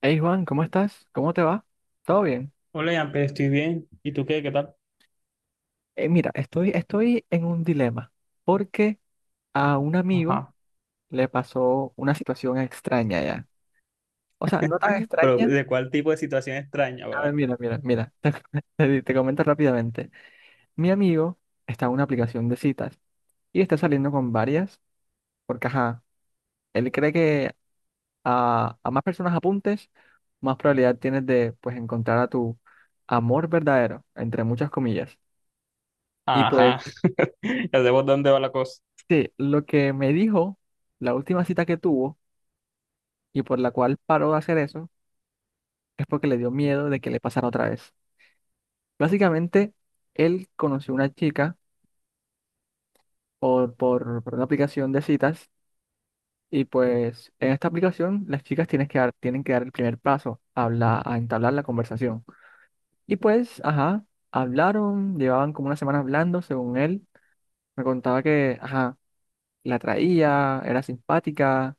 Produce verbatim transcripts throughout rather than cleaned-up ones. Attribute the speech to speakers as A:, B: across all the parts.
A: Hey Juan, ¿cómo estás? ¿Cómo te va? ¿Todo bien?
B: Hola, Ian, pero estoy bien. ¿Y tú qué? ¿Qué tal?
A: Eh, mira, estoy, estoy en un dilema porque a un amigo
B: Ajá.
A: le pasó una situación extraña ya. O sea, no tan
B: Pero,
A: extraña.
B: ¿de cuál tipo de situación extraña,
A: A ver,
B: bebé?
A: mira, mira, mira. Te, te te comento rápidamente. Mi amigo está en una aplicación de citas y está saliendo con varias porque, ajá, él cree que a, a más personas apuntes, más probabilidad tienes de, pues, encontrar a tu amor verdadero, entre muchas comillas. Y pues...
B: Ajá. Ya sé por dónde va la cosa.
A: Sí, lo que me dijo, la última cita que tuvo y por la cual paró de hacer eso, es porque le dio miedo de que le pasara otra vez. Básicamente, él conoció una chica por, por, por una aplicación de citas y pues en esta aplicación las chicas tienen que dar, tienen que dar el primer paso a, habla- a entablar la conversación. Y pues, ajá, hablaron, llevaban como una semana hablando, según él. Me contaba que, ajá, la traía, era simpática.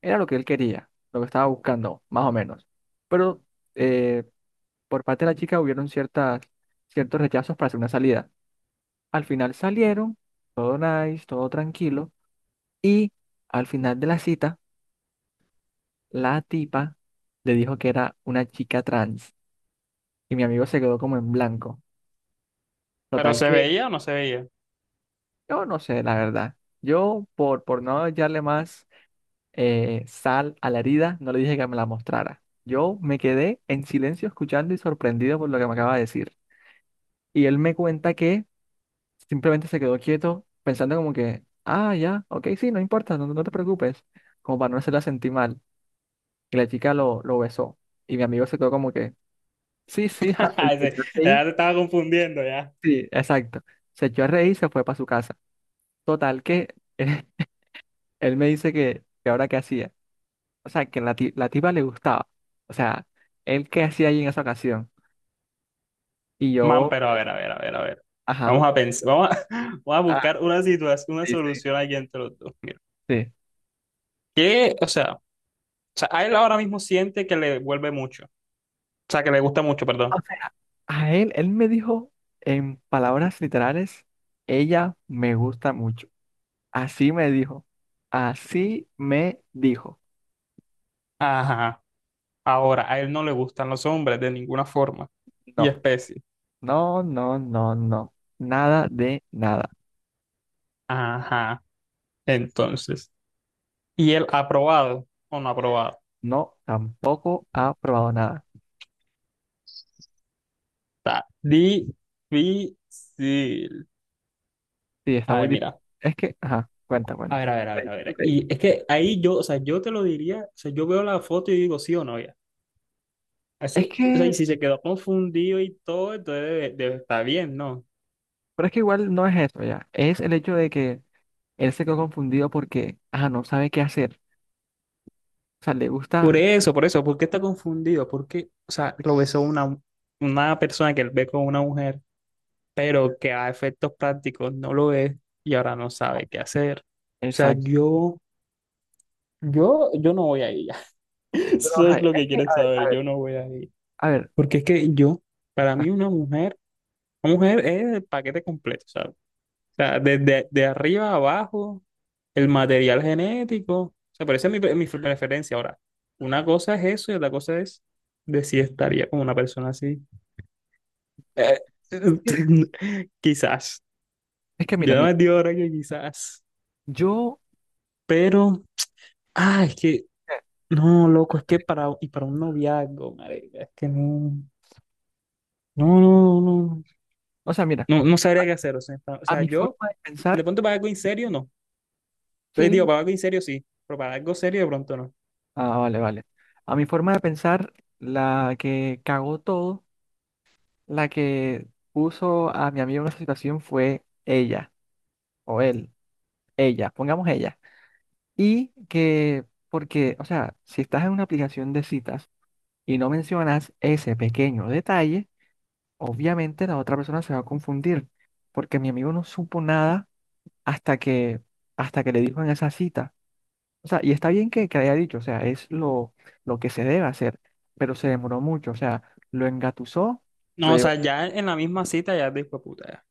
A: Era lo que él quería, lo que estaba buscando, más o menos. Pero eh, por parte de la chica hubieron ciertas, ciertos rechazos para hacer una salida. Al final salieron, todo nice, todo tranquilo. Y al final de la cita, la tipa le dijo que era una chica trans. Y mi amigo se quedó como en blanco.
B: ¿Pero
A: Total
B: se
A: que
B: veía o no se veía?
A: yo no sé, la verdad. Yo, por, por no hallarle más eh, sal a la herida, no le dije que me la mostrara. Yo me quedé en silencio escuchando y sorprendido por lo que me acaba de decir. Y él me cuenta que simplemente se quedó quieto, pensando como que, ah, ya, ok, sí, no importa, no, no te preocupes, como para no hacerla sentir mal. Y la chica lo, lo besó. Y mi amigo se quedó como que, sí, sí, ja", se se
B: Ese-
A: echó a reír.
B: Ya te estaba confundiendo, ya.
A: Sí, exacto. Se echó a reír y se fue para su casa. Total que él me dice que, que ahora qué hacía. O sea, que la, ti- la tipa le gustaba. O sea, él qué hacía ahí en esa ocasión. Y
B: Man,
A: yo,
B: pero a ver, a ver, a ver, a ver.
A: ajá,
B: Vamos a pensar, vamos a, vamos a
A: ah,
B: buscar una situación, una
A: sí, sí,
B: solución aquí entre los dos. Mira.
A: sí.
B: ¿Qué? O sea, o sea, a él ahora mismo siente que le vuelve mucho. O sea, que le gusta mucho, perdón.
A: O sea, a él, él me dijo en palabras literales, ella me gusta mucho. Así me dijo, así me dijo.
B: Ajá. Ahora, a él no le gustan los hombres de ninguna forma y especie.
A: No, no, no, no, no. Nada de nada.
B: Ajá. Entonces, ¿y el aprobado o no aprobado?
A: No, tampoco ha probado nada.
B: Está difícil.
A: Sí, está
B: A
A: muy
B: ver,
A: difícil.
B: mira.
A: Es que, ajá, cuenta,
B: A ver,
A: cuenta.
B: a ver, a
A: Ok,
B: ver, a
A: ok.
B: ver. Y es que ahí yo, o sea, yo te lo diría, o sea, yo veo la foto y digo sí o no, ya.
A: Es
B: Así, o sea, y
A: que
B: si se quedó confundido y todo, entonces debe, debe estar bien, ¿no?
A: Pero es que igual no es eso ya. Es el hecho de que él se quedó confundido porque, ajá, no sabe qué hacer. O sea, le gusta.
B: Por eso, por eso, ¿por qué está confundido? Porque, o sea, lo besó una, una persona que él ve con una mujer, pero que a efectos prácticos no lo es y ahora no sabe qué hacer. O sea,
A: Exacto.
B: yo Yo, yo no voy a ella.
A: Pero,
B: Eso
A: ajá,
B: es
A: es
B: lo que
A: que,
B: quieren
A: a ver, a
B: saber.
A: ver,
B: Yo no voy a ella.
A: a ver.
B: Porque es que yo, para mí, una mujer, una mujer es el paquete completo, ¿sabes? O sea, desde de arriba a abajo, el material genético. O sea, pero esa es mi, pre- mi preferencia. Ahora, una cosa es eso y otra cosa es de si estaría con una persona así. Eh,
A: Es que,
B: quizás.
A: es que mira,
B: Yo no me
A: mira.
B: digo ahora que quizás.
A: Yo,
B: Pero, ah, es que,
A: eh,
B: no, loco, es que para, y para un noviazgo, marica, es que no. No, no, no,
A: o sea, mira,
B: no, no sabría qué hacer. O sea, pa- o
A: a
B: sea,
A: mi
B: yo,
A: forma de
B: de
A: pensar,
B: pronto para algo en serio, no. Les digo,
A: sí.
B: para algo en serio sí, pero para algo serio de pronto no.
A: Ah, vale, vale. A mi forma de pensar, la que cagó todo, la que puso a mi amigo en esa situación fue ella, o él, ella, pongamos ella. Y que, porque, o sea, si estás en una aplicación de citas, y no mencionas ese pequeño detalle, obviamente la otra persona se va a confundir, porque mi amigo no supo nada hasta que, hasta que le dijo en esa cita. O sea, y está bien que, que haya dicho, o sea, es lo, lo que se debe hacer, pero se demoró mucho, o sea, lo engatusó, lo
B: No, o sea,
A: llevó.
B: ya en la misma cita ya después puta.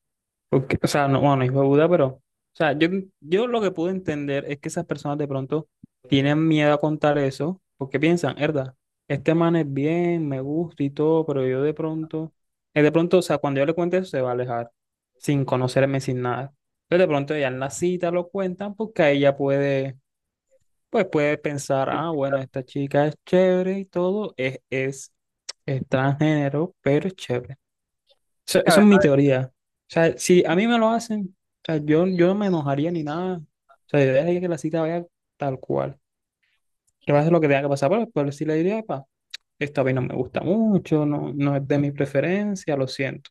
B: Porque, o sea, no, bueno, hijo de Buda, pero, o sea, yo, yo lo que pude entender es que esas personas de pronto tienen miedo a contar eso, porque piensan, herda, este man es bien, me gusta y todo, pero yo de pronto, eh, de pronto, o sea, cuando yo le cuente eso se va a alejar, sin conocerme, sin nada. Entonces de pronto ya en la cita lo cuentan porque ahí ya puede, pues puede pensar, ah, bueno, esta chica es chévere y todo, es, es transgénero, pero es chévere. Eso, eso es mi teoría. O sea, si a mí me lo hacen, o sea, yo, yo no me enojaría ni nada. O sea, yo dejaría que la cita vaya tal cual. Que pase lo que tenga que pasar, pero después sí le diría, pa, esto a mí no me gusta mucho, no, no es de mi preferencia, lo siento.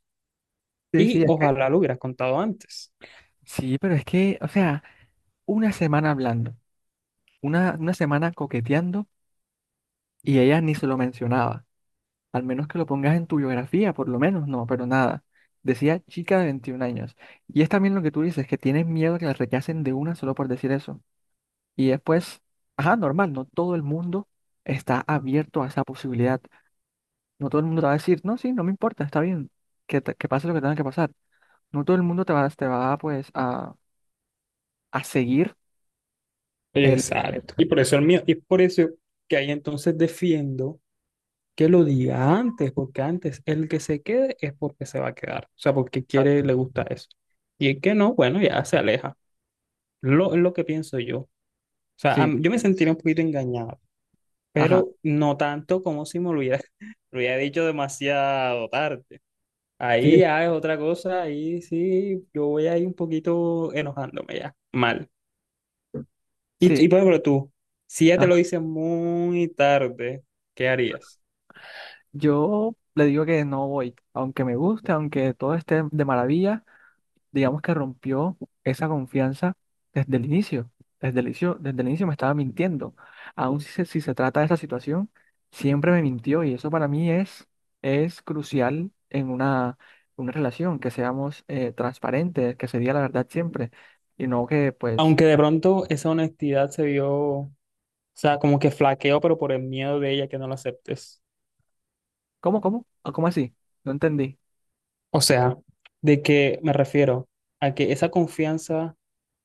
A: Sí, sí,
B: Y
A: es que,
B: ojalá lo hubieras contado antes.
A: sí, pero es que, o sea, una semana hablando, una, una semana coqueteando y ella ni se lo mencionaba. Al menos que lo pongas en tu biografía, por lo menos, no, pero nada. Decía chica de veintiún años. Y es también lo que tú dices, que tienes miedo a que la rechacen de una solo por decir eso. Y después, ajá, normal, no todo el mundo está abierto a esa posibilidad. No todo el mundo te va a decir, no, sí, no me importa, está bien, que, te- que pase lo que tenga que pasar. No todo el mundo te va, te va pues, a, a seguir el, el-
B: Exacto. Y por eso el mío, y por eso que ahí entonces defiendo que lo diga antes, porque antes el que se quede es porque se va a quedar. O sea, porque
A: Exacto.
B: quiere, le gusta eso. Y el que no, bueno, ya se aleja. Lo, es lo que pienso yo. O sea,
A: Sí,
B: am- yo me sentiría un poquito engañado,
A: ajá,
B: pero no tanto como si me lo hubiera, lo hubiera dicho demasiado tarde. Ahí
A: sí,
B: ya es otra cosa, ahí sí, yo voy ahí un poquito enojándome ya, mal. Y,
A: sí.
B: y por ejemplo tú, si ya te lo
A: Ajá.
B: dicen muy tarde, ¿qué harías?
A: Yo le digo que no voy, aunque me guste, aunque todo esté de maravilla. Digamos que rompió esa confianza desde el inicio. Desde el inicio, desde el inicio me estaba mintiendo. Aún si se, si se trata de esa situación, siempre me mintió y eso para mí es, es crucial en una, una relación, que seamos eh, transparentes, que se diga la verdad siempre y no que pues,
B: Aunque de pronto esa honestidad se vio, o sea, como que flaqueó, pero por el miedo de ella que no lo aceptes.
A: ¿cómo, cómo? ¿Ah, ¿Cómo así? No entendí.
B: O sea, ¿de que me refiero? A que esa confianza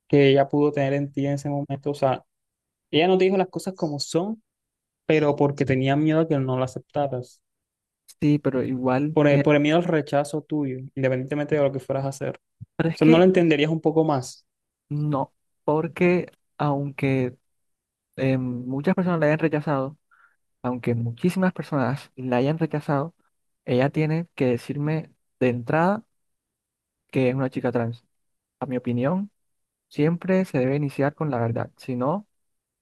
B: que ella pudo tener en ti en ese momento. O sea, ella no te dijo las cosas como son, pero porque tenía miedo a que no la aceptaras.
A: Sí, pero igual,
B: Por el,
A: eh,
B: por el miedo al rechazo tuyo, independientemente de lo que fueras a hacer. O
A: pero es
B: sea, no la
A: que
B: entenderías un poco más.
A: no, porque aunque eh, muchas personas la hayan rechazado, aunque muchísimas personas la hayan rechazado, ella tiene que decirme de entrada que es una chica trans. A mi opinión, siempre se debe iniciar con la verdad, si no,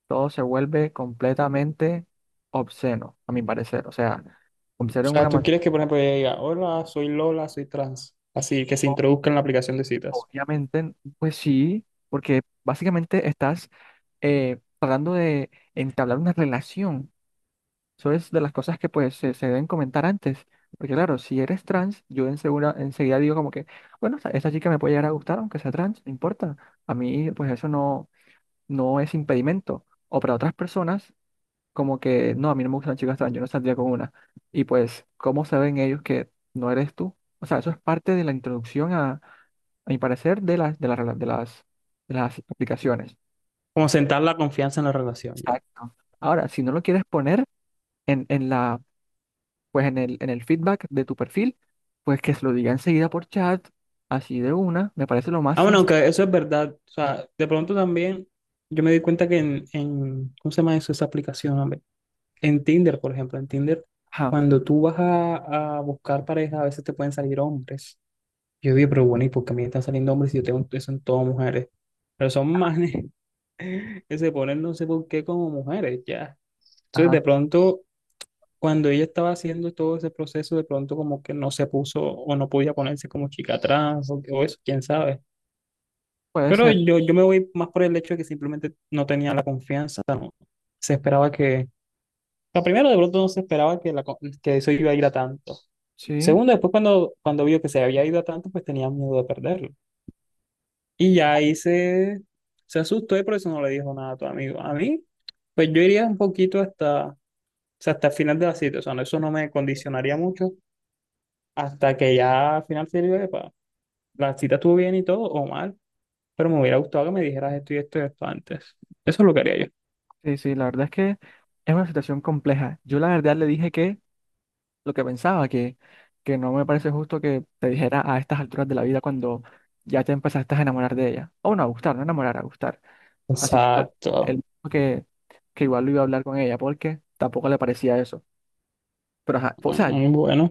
A: todo se vuelve completamente obsceno, a mi parecer. O sea,
B: O
A: obsceno en
B: sea,
A: una
B: tú
A: manera,
B: quieres que, por ejemplo, ella diga, hola, soy Lola, soy trans. Así que se introduzca en la aplicación de citas.
A: obviamente, pues sí, porque básicamente estás eh, tratando de entablar una relación. Eso es de las cosas que pues se, se deben comentar antes. Porque claro, si eres trans, yo ensegura- enseguida digo como que, bueno, esta esta chica me puede llegar a gustar, aunque sea trans, no importa. A mí pues eso no, no es impedimento. O para otras personas, como que, no, a mí no me gustan chicas trans, yo no saldría con una. Y pues, ¿cómo saben ellos que no eres tú? O sea, eso es parte de la introducción a, a mi parecer, de las, de las, rela- de las, de las aplicaciones.
B: Como sentar la confianza en la relación, ya.
A: Exacto. Ahora, si no lo quieres poner en, en la pues en el, en el feedback de tu perfil, pues que se lo diga enseguida por chat, así de una, me parece lo más
B: Ah, bueno,
A: sencillo.
B: aunque eso es verdad. O sea, de pronto también yo me di cuenta que en, en ¿cómo se llama eso, esa aplicación, hombre? En Tinder, por ejemplo, en Tinder,
A: Ajá,
B: cuando tú vas a, a buscar pareja, a veces te pueden salir hombres. Yo digo, pero bueno, ¿y por qué a mí me están saliendo hombres si yo tengo eso en todas mujeres? Pero son manes que se ponen no sé por qué como mujeres, ya. Entonces, de
A: ajá,
B: pronto, cuando ella estaba haciendo todo ese proceso, de pronto como que no se puso o no podía ponerse como chica trans o, o eso, quién sabe.
A: puede
B: Pero
A: ser,
B: yo, yo me voy más por el hecho de que simplemente no tenía la confianza, no. Se esperaba que... Lo primero, de pronto no se esperaba que, la, co- que eso iba a ir a tanto.
A: sí,
B: Segundo, después cuando, cuando vio que se había ido a tanto, pues tenía miedo de perderlo. Y ya ahí se, se asustó y por eso no le dijo nada a tu amigo. A mí, pues yo iría un poquito hasta, o sea, hasta el final de la cita. O sea, no, eso no me condicionaría mucho hasta que ya al final se diga, "Epa, la cita estuvo bien y todo, o mal, pero me hubiera gustado que me dijeras esto y esto y esto antes. Eso es lo que haría yo.
A: sí, sí, la verdad es que es una situación compleja. Yo la verdad le dije que lo que pensaba, que, que no me parece justo que te dijera a estas alturas de la vida cuando ya te empezaste a enamorar de ella, o no, a gustar, no enamorar, a gustar. Así que ah, él
B: Exacto.
A: dijo que, que igual lo iba a hablar con ella porque tampoco le parecía eso. Pero ajá, o sea,
B: Mm, bueno, o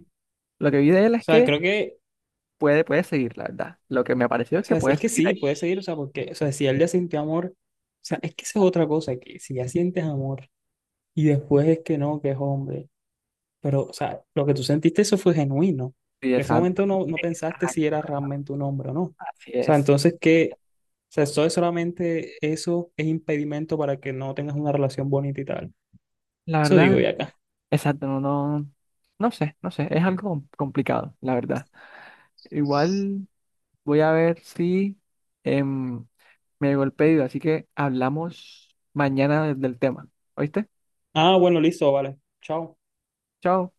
A: lo que vi de él es
B: sea,
A: que
B: creo que,
A: puede, puede seguir, la verdad. Lo que me pareció es
B: o
A: que
B: sea,
A: puede
B: es que
A: seguir ahí.
B: sí, puede seguir, o sea, porque, o sea, si él ya sintió amor, o sea, es que esa es otra cosa, que si ya sientes amor y después es que no, que es hombre. Pero, o sea, lo que tú sentiste, eso fue genuino.
A: Sí,
B: En ese
A: exacto.
B: momento no, no pensaste si era
A: Exacto, exacto.
B: realmente un hombre o no. O
A: Así
B: sea,
A: es.
B: entonces, ¿qué? O sea, eso es solamente eso es impedimento para que no tengas una relación bonita y tal.
A: La
B: Eso digo
A: verdad,
B: ya acá.
A: exacto, no, no, no sé, no sé. Es algo com- complicado, la verdad. Igual voy a ver si em, me llegó el pedido, así que hablamos mañana del del tema. ¿Oíste?
B: Ah, bueno, listo, vale. Chao.
A: Chao.